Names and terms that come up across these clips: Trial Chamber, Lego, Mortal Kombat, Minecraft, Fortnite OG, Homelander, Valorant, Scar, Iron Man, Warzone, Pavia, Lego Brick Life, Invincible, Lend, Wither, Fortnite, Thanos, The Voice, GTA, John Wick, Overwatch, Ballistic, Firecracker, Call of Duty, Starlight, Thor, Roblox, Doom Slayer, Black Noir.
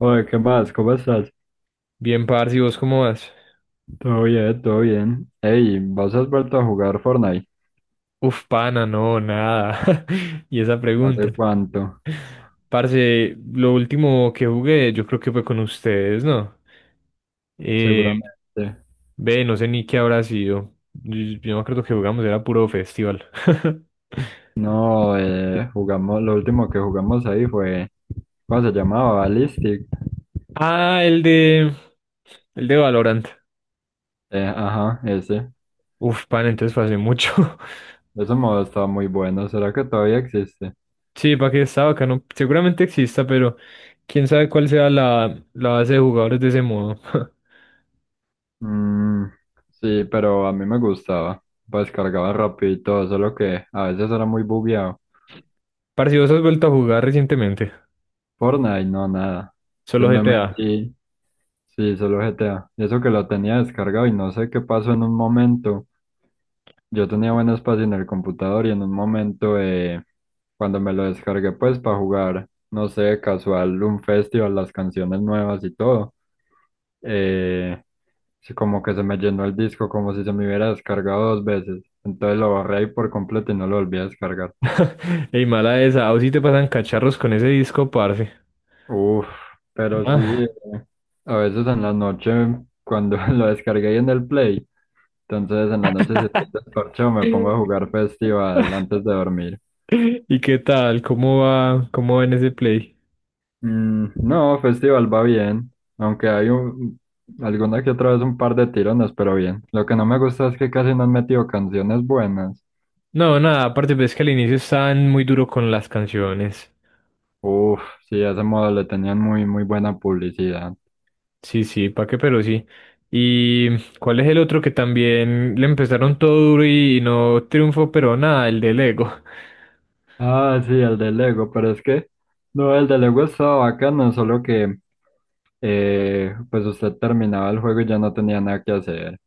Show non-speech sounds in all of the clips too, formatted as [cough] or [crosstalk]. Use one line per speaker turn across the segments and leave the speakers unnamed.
Oye, ¿qué más? ¿Cómo estás?
Bien, parce, ¿y vos cómo vas?
Todo bien, todo bien. Ey, ¿vos has vuelto a jugar Fortnite?
Uf, pana, no, nada. [laughs] Y esa pregunta.
¿Hace cuánto?
Parce, lo último que jugué, yo creo que fue con ustedes, ¿no? Eh,
Seguramente.
ve, no sé ni qué habrá sido. Yo me acuerdo que jugamos, era puro festival. [laughs]
No, jugamos, lo último que jugamos ahí fue, ¿cómo se llamaba? Ballistic.
Ah, el de. El de Valorant.
Ajá, ese.
Uf, pana, entonces fue hace mucho. [laughs]
Ese modo estaba muy bueno. ¿Será que todavía existe?
Sí, para que estaba acá, no. Seguramente exista, pero quién sabe cuál sea la base de jugadores de ese modo. [laughs]
Mm, sí, pero a mí me gustaba. Pues cargaba rápido y todo, solo que a veces era muy bugueado.
Parce, ¿vos has vuelto a jugar recientemente?
Fortnite, no, nada.
Solo
Entonces me
GTA.
metí. Sí, solo GTA. Y eso que lo tenía descargado y no sé qué pasó en un momento. Yo tenía buen espacio en el computador y en un momento, cuando me lo descargué, pues para jugar, no sé, casual, un festival, las canciones nuevas y todo, eh, sí, como que se me llenó el disco, como si se me hubiera descargado dos veces. Entonces lo borré ahí por completo y no lo volví a descargar.
Ey, mala esa. A vos sí te pasan cacharros con ese disco, parce.
Uf, pero sí,
Ah.
a veces en la noche, cuando [laughs] lo descargué ahí en el Play. Entonces en las noches si estoy desparchado me pongo a jugar festival antes de dormir.
[laughs] ¿Y qué tal? ¿Cómo va? ¿Cómo va en ese play?
Mm, no, festival va bien, aunque hay alguna que otra vez un par de tirones, pero bien. Lo que no me gusta es que casi no han metido canciones buenas.
No, nada, aparte, pues es que al inicio estaban muy duro con las canciones.
Uf, sí, a ese modo le tenían muy, muy buena publicidad.
Sí, sí, pa' qué, pero sí. ¿Y cuál es el otro que también le empezaron todo duro y no triunfó, pero nada, el de Lego?
Ah, sí, el de Lego, pero es que, no, el de Lego estaba bacano, solo que, pues usted terminaba el juego y ya no tenía nada que hacer.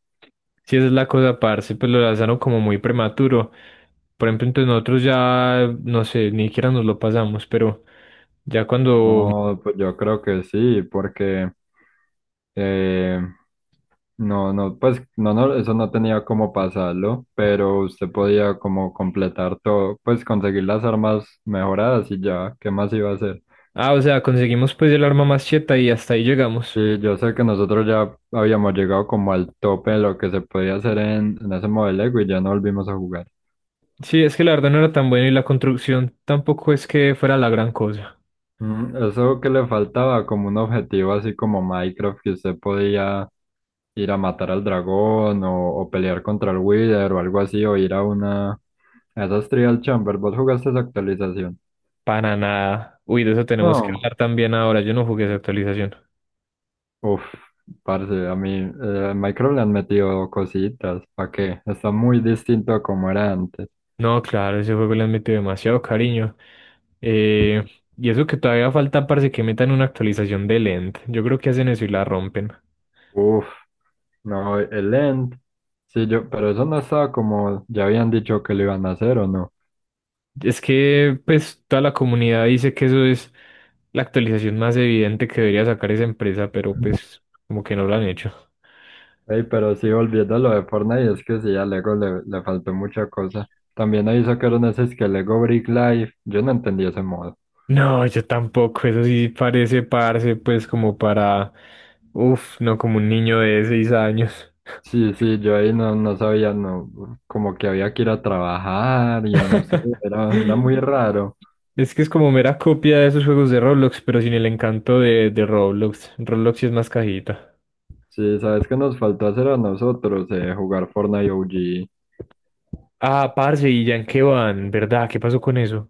Sí, esa es la cosa, parce, pues lo lanzaron como muy prematuro. Por ejemplo, entonces nosotros ya, no sé, ni siquiera nos lo pasamos, pero ya cuando...
No, pues yo creo que sí, porque. Eh, No, no, pues no, no, eso no tenía cómo pasarlo, pero usted podía como completar todo, pues conseguir las armas mejoradas y ya, ¿qué más iba a hacer?
Ah, o sea, conseguimos pues el arma más cheta y hasta ahí llegamos.
Sí, yo sé que nosotros ya habíamos llegado como al tope de lo que se podía hacer en ese modelo Lego y ya no volvimos a jugar.
Sí, es que la verdad no era tan buena y la construcción tampoco es que fuera la gran cosa.
Eso que le faltaba como un objetivo así como Minecraft, que usted podía ir a matar al dragón o pelear contra el Wither o algo así, o ir a a esas Trial Chamber, ¿vos jugaste esa actualización?
Para nada. Uy, de eso tenemos que
No.
hablar también ahora. Yo no jugué esa actualización.
Uf, parce, a mí a Minecraft le han metido cositas, ¿para qué? Está muy distinto a como era antes.
No, claro, ese juego le han metido demasiado cariño. Eh, y eso que todavía falta, parece que metan una actualización de Lend. Yo creo que hacen eso y la rompen.
Uf, no, el End, sí, yo, pero eso no estaba como ya habían dicho que lo iban a hacer o no.
Es que pues toda la comunidad dice que eso es la actualización más evidente que debería sacar esa empresa, pero pues como que no lo han hecho.
Ey, pero sí, volviendo a lo de Fortnite, es que sí, a Lego le faltó mucha cosa. También ahí sacaron ese es que Lego Brick Life, yo no entendí ese modo.
No, yo tampoco, eso sí parece parse pues como para, uff, no como un niño de 6 años.
Sí, sí, yo ahí no, no sabía, no, como que había que ir a trabajar y no sé,
[laughs]
era muy raro.
Es que es como mera copia de esos juegos de Roblox, pero sin el encanto de Roblox. Roblox sí es más cajita.
Sí, ¿sabes qué nos faltó hacer a nosotros? Jugar Fortnite OG.
Ah, parce, ¿y ya en qué van? ¿Verdad? ¿Qué pasó con eso?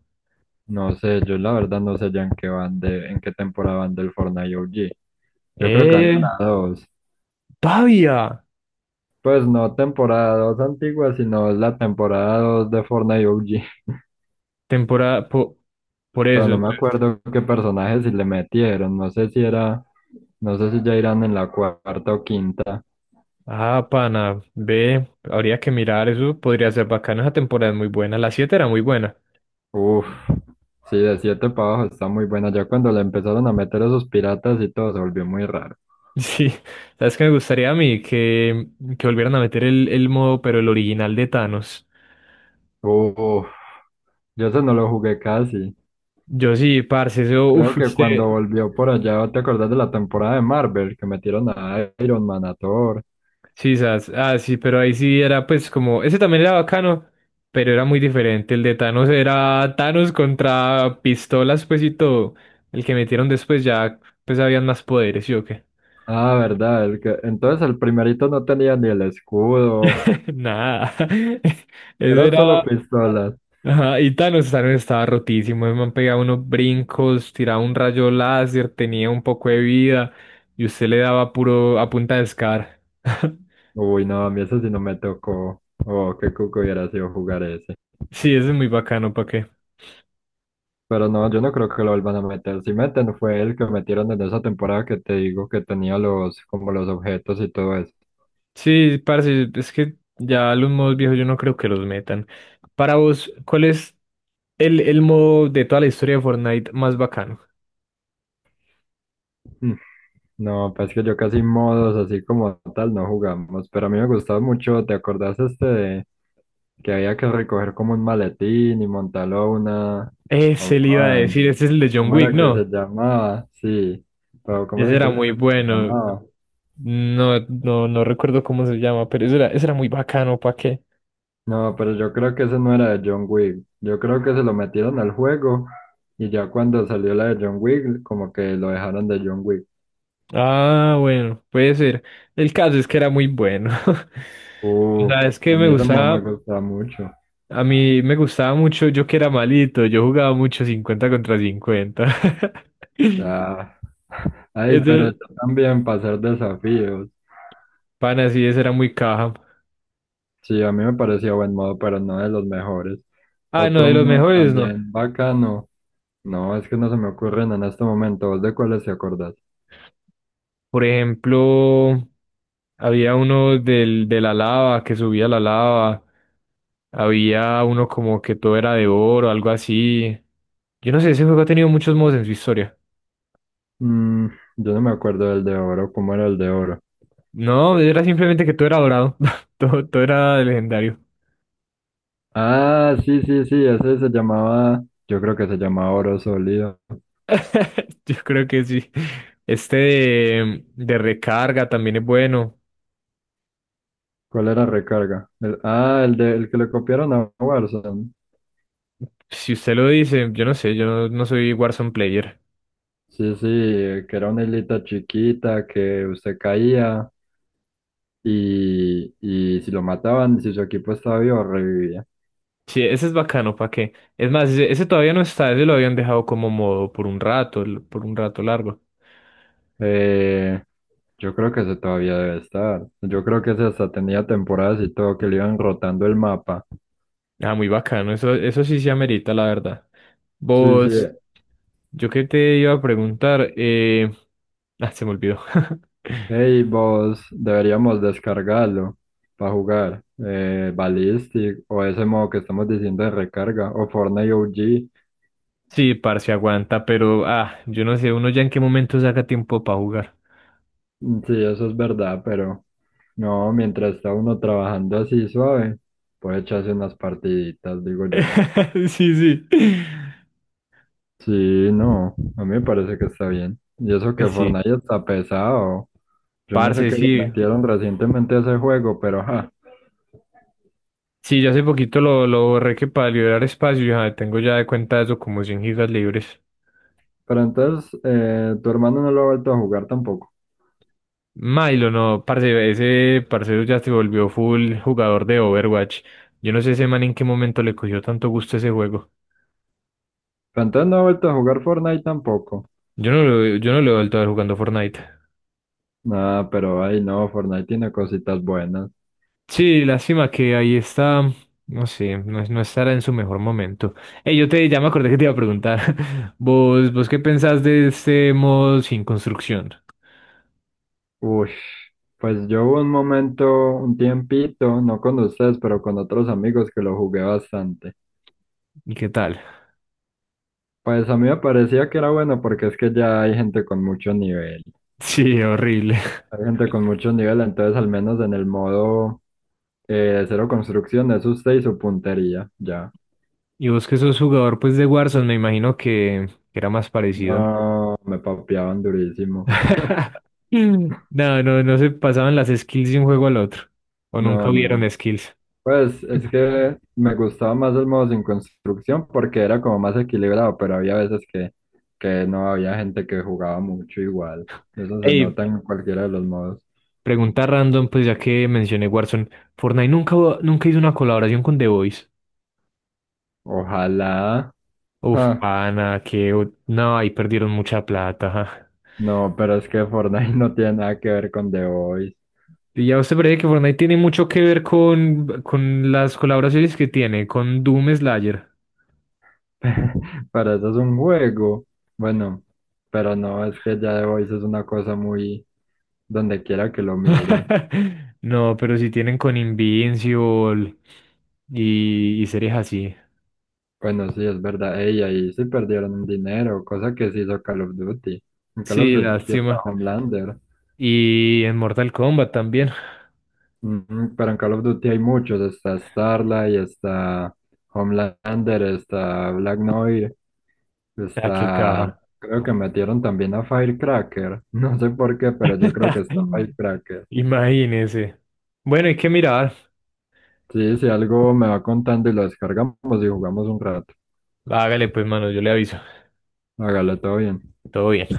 No sé, yo la verdad no sé ya en qué van en qué temporada van del Fortnite OG. Yo creo que van en
¡Eh!
la 2.
¡Pavia!
Pues no temporada 2 antigua, sino es la temporada 2 de Fortnite OG. [laughs]
Temporada, por
Pero
eso.
no me
Entonces,
acuerdo qué personajes si le metieron. No sé si no sé si ya irán en la cuarta o quinta.
ah, pana, ve, habría que mirar eso, podría ser bacano, esa temporada es muy buena, la 7 era muy buena.
Uf, sí, de 7 para abajo está muy buena. Ya cuando le empezaron a meter esos piratas y todo se volvió muy raro.
[laughs] Sí, sabes que me gustaría a mí que volvieran a meter el modo, pero el original de Thanos.
Uf, yo eso no lo jugué casi.
Yo sí, parce, eso,
Creo
uff,
que cuando
usted,
volvió por allá, ¿te acordás de la temporada de Marvel? Que metieron a Iron Man, a Thor.
sí, sas, ah, sí, pero ahí sí era pues como, ese también era bacano, pero era muy diferente, el de Thanos era Thanos contra pistolas, pues y todo, el que metieron después ya, pues habían más poderes, ¿sí o qué?
Ah, verdad, entonces el primerito no tenía ni el escudo,
[laughs] Nada. [laughs] Eso
eran solo
era.
pistolas.
Ajá, y Thanos, Thanos estaba rotísimo. Me han pegado unos brincos, tiraba un rayo láser, tenía un poco de vida. Y usted le daba puro a punta de Scar. [laughs]
Uy, no, a mí eso sí no me tocó. Oh, qué cuco hubiera sido jugar ese.
Sí, eso es muy bacano, ¿para qué?
Pero no, yo no creo que lo vuelvan a meter. Si meten, fue el que metieron en esa temporada que te digo que tenía como los objetos y todo eso.
Sí, parce, es que ya los modos viejos yo no creo que los metan. Para vos, ¿cuál es el modo de toda la historia de Fortnite más bacano?
No, pues que yo casi modos así como tal no jugamos, pero a mí me gustaba mucho, ¿te acordás este de que había que recoger como un maletín y montarlo a una
Ese le iba a
van?
decir, ese es el de John
¿Cómo
Wick,
era que se
¿no?
llamaba? Sí, pero ¿cómo
Ese
era que
era
se
muy
se
bueno.
llamaba?
No, no, no recuerdo cómo se llama, pero eso era muy bacano, ¿para qué?
No, pero yo creo que ese no era de John Wick, yo creo que se lo metieron al juego y ya cuando salió la de John Wick, como que lo dejaron de John Wick.
Ah, bueno, puede ser. El caso es que era muy bueno. [laughs] O
Uf,
sea, es que
a
me
mí ese modo me
gustaba,
gustaba mucho.
a mí me gustaba mucho, yo que era malito, yo jugaba mucho 50 contra 50. [laughs]
Ah, ay, pero
Ese-
yo también pasar desafíos.
pana, sí, ese era muy caja.
Sí, a mí me parecía buen modo, pero no de los mejores.
Ah, no,
Otro
de los
modo
mejores, no.
también bacano. No, es que no se me ocurren en este momento. ¿Vos de cuáles te acordás?
Por ejemplo, había uno del, de la lava, que subía la lava. Había uno como que todo era de oro, algo así. Yo no sé, ese juego ha tenido muchos modos en su historia.
Mm, yo no me acuerdo del de oro. ¿Cómo era el de oro?
No, era simplemente que todo era dorado. [laughs] Todo, todo era legendario.
Ah, sí, sí, sí. Ese se llamaba. Yo creo que se llamaba oro sólido.
[laughs] Yo creo que sí. Este de recarga también es bueno.
¿Cuál era recarga? El que le copiaron a Warzone.
Si usted lo dice, yo no sé, yo no soy Warzone player.
Sí, sí, que era una islita chiquita que usted caía y si lo mataban, si su equipo estaba vivo, revivía.
Sí, ese es bacano, ¿para qué? Es más, ese todavía no está, ese lo habían dejado como modo por un rato, por un rato largo.
Eh, Yo creo que ese todavía debe estar. Yo creo que ese hasta tenía temporadas y todo que le iban rotando el mapa.
Ah, muy bacano, eso sí se amerita, la verdad.
Sí, sí.
Vos, yo qué te iba a preguntar, ah, se me olvidó.
Hey,
[laughs]
vos, deberíamos descargarlo para jugar. Ballistic o ese modo que estamos diciendo de recarga o Fortnite OG.
Sí, parce, aguanta, pero, ah, yo no sé, uno ya en qué momento saca tiempo para jugar.
Sí, eso es verdad, pero no, mientras está uno trabajando así suave, puede echarse unas partiditas, digo yo.
[laughs] Sí, sí.
Sí, no, a mí me parece que está bien. Y eso que
Sí,
Fortnite está pesado. Yo no sé
parce,
qué le
sí.
metieron recientemente a ese juego, pero ajá.
Sí, yo hace poquito lo borré que para liberar espacio, ya tengo ya de cuenta eso como 100 gigas libres.
Pero entonces, tu hermano no lo ha vuelto a jugar tampoco.
Milo, no, parce, ese parcero ya se volvió full jugador de Overwatch. Yo no sé ese man en qué momento le cogió tanto gusto a ese juego.
Pero entonces no ha vuelto a jugar Fortnite tampoco.
Yo no lo he vuelto a ver jugando Fortnite.
Nada, pero ay no, Fortnite tiene cositas buenas.
Sí, lástima que ahí está, no sé, no, no estará en su mejor momento. Ey, ya me acordé que te iba a preguntar, [laughs] vos qué pensás de este modo sin construcción?
Uy, pues yo hubo un momento, un tiempito, no con ustedes, pero con otros amigos que lo jugué bastante.
¿Y qué tal?
Pues a mí me parecía que era bueno porque es que ya hay gente con mucho nivel.
Sí, horrible.
Hay
[laughs]
gente con mucho nivel, entonces al menos en el modo cero construcción es usted y su puntería, ya.
Y vos que sos jugador pues de Warzone, me imagino que era más parecido, ¿no?
No, me papeaban durísimo.
[laughs] Mm. No, no, no se pasaban las skills de un juego al otro. O nunca
No,
hubieron
no.
skills.
Pues es que me gustaba más el modo sin construcción porque era como más equilibrado, pero había veces que no había gente que jugaba mucho igual. Eso se
Ey,
nota en cualquiera de los modos.
pregunta random, pues ya que mencioné Warzone, Fortnite nunca, nunca hizo una colaboración con The Voice.
Ojalá.
Uf,
Ah,
pana, que no, ahí perdieron mucha plata. [laughs] Ajá.
no, pero es que Fortnite [laughs] no tiene nada que ver con The Voice.
Y ya usted parece que Fortnite tiene mucho que ver con las colaboraciones que tiene, con Doom Slayer.
[laughs] Para eso es un juego. Bueno, pero no, es que ya The Voice es una cosa muy donde quiera que lo mire.
[laughs] No, pero si tienen con Invincible y series así.
Bueno, sí, es verdad. Ey, ahí sí perdieron un dinero, cosa que sí hizo Call of Duty. En Call of
Sí,
Duty está
lástima.
Homelander.
Y en Mortal Kombat también.
Ujú. Pero en Call of Duty hay muchos. Está Starlight, está Homelander, está Black Noir,
Ah, qué
está.
caja.
Creo que metieron también a Firecracker. [laughs] No sé por qué, pero yo creo que
[laughs]
está Firecracker.
Imagínese. Bueno, hay que mirar.
Sí, si algo me va contando y lo descargamos y jugamos un rato.
Hágale pues, mano, yo le aviso.
Hágale todo bien.
Todo bien.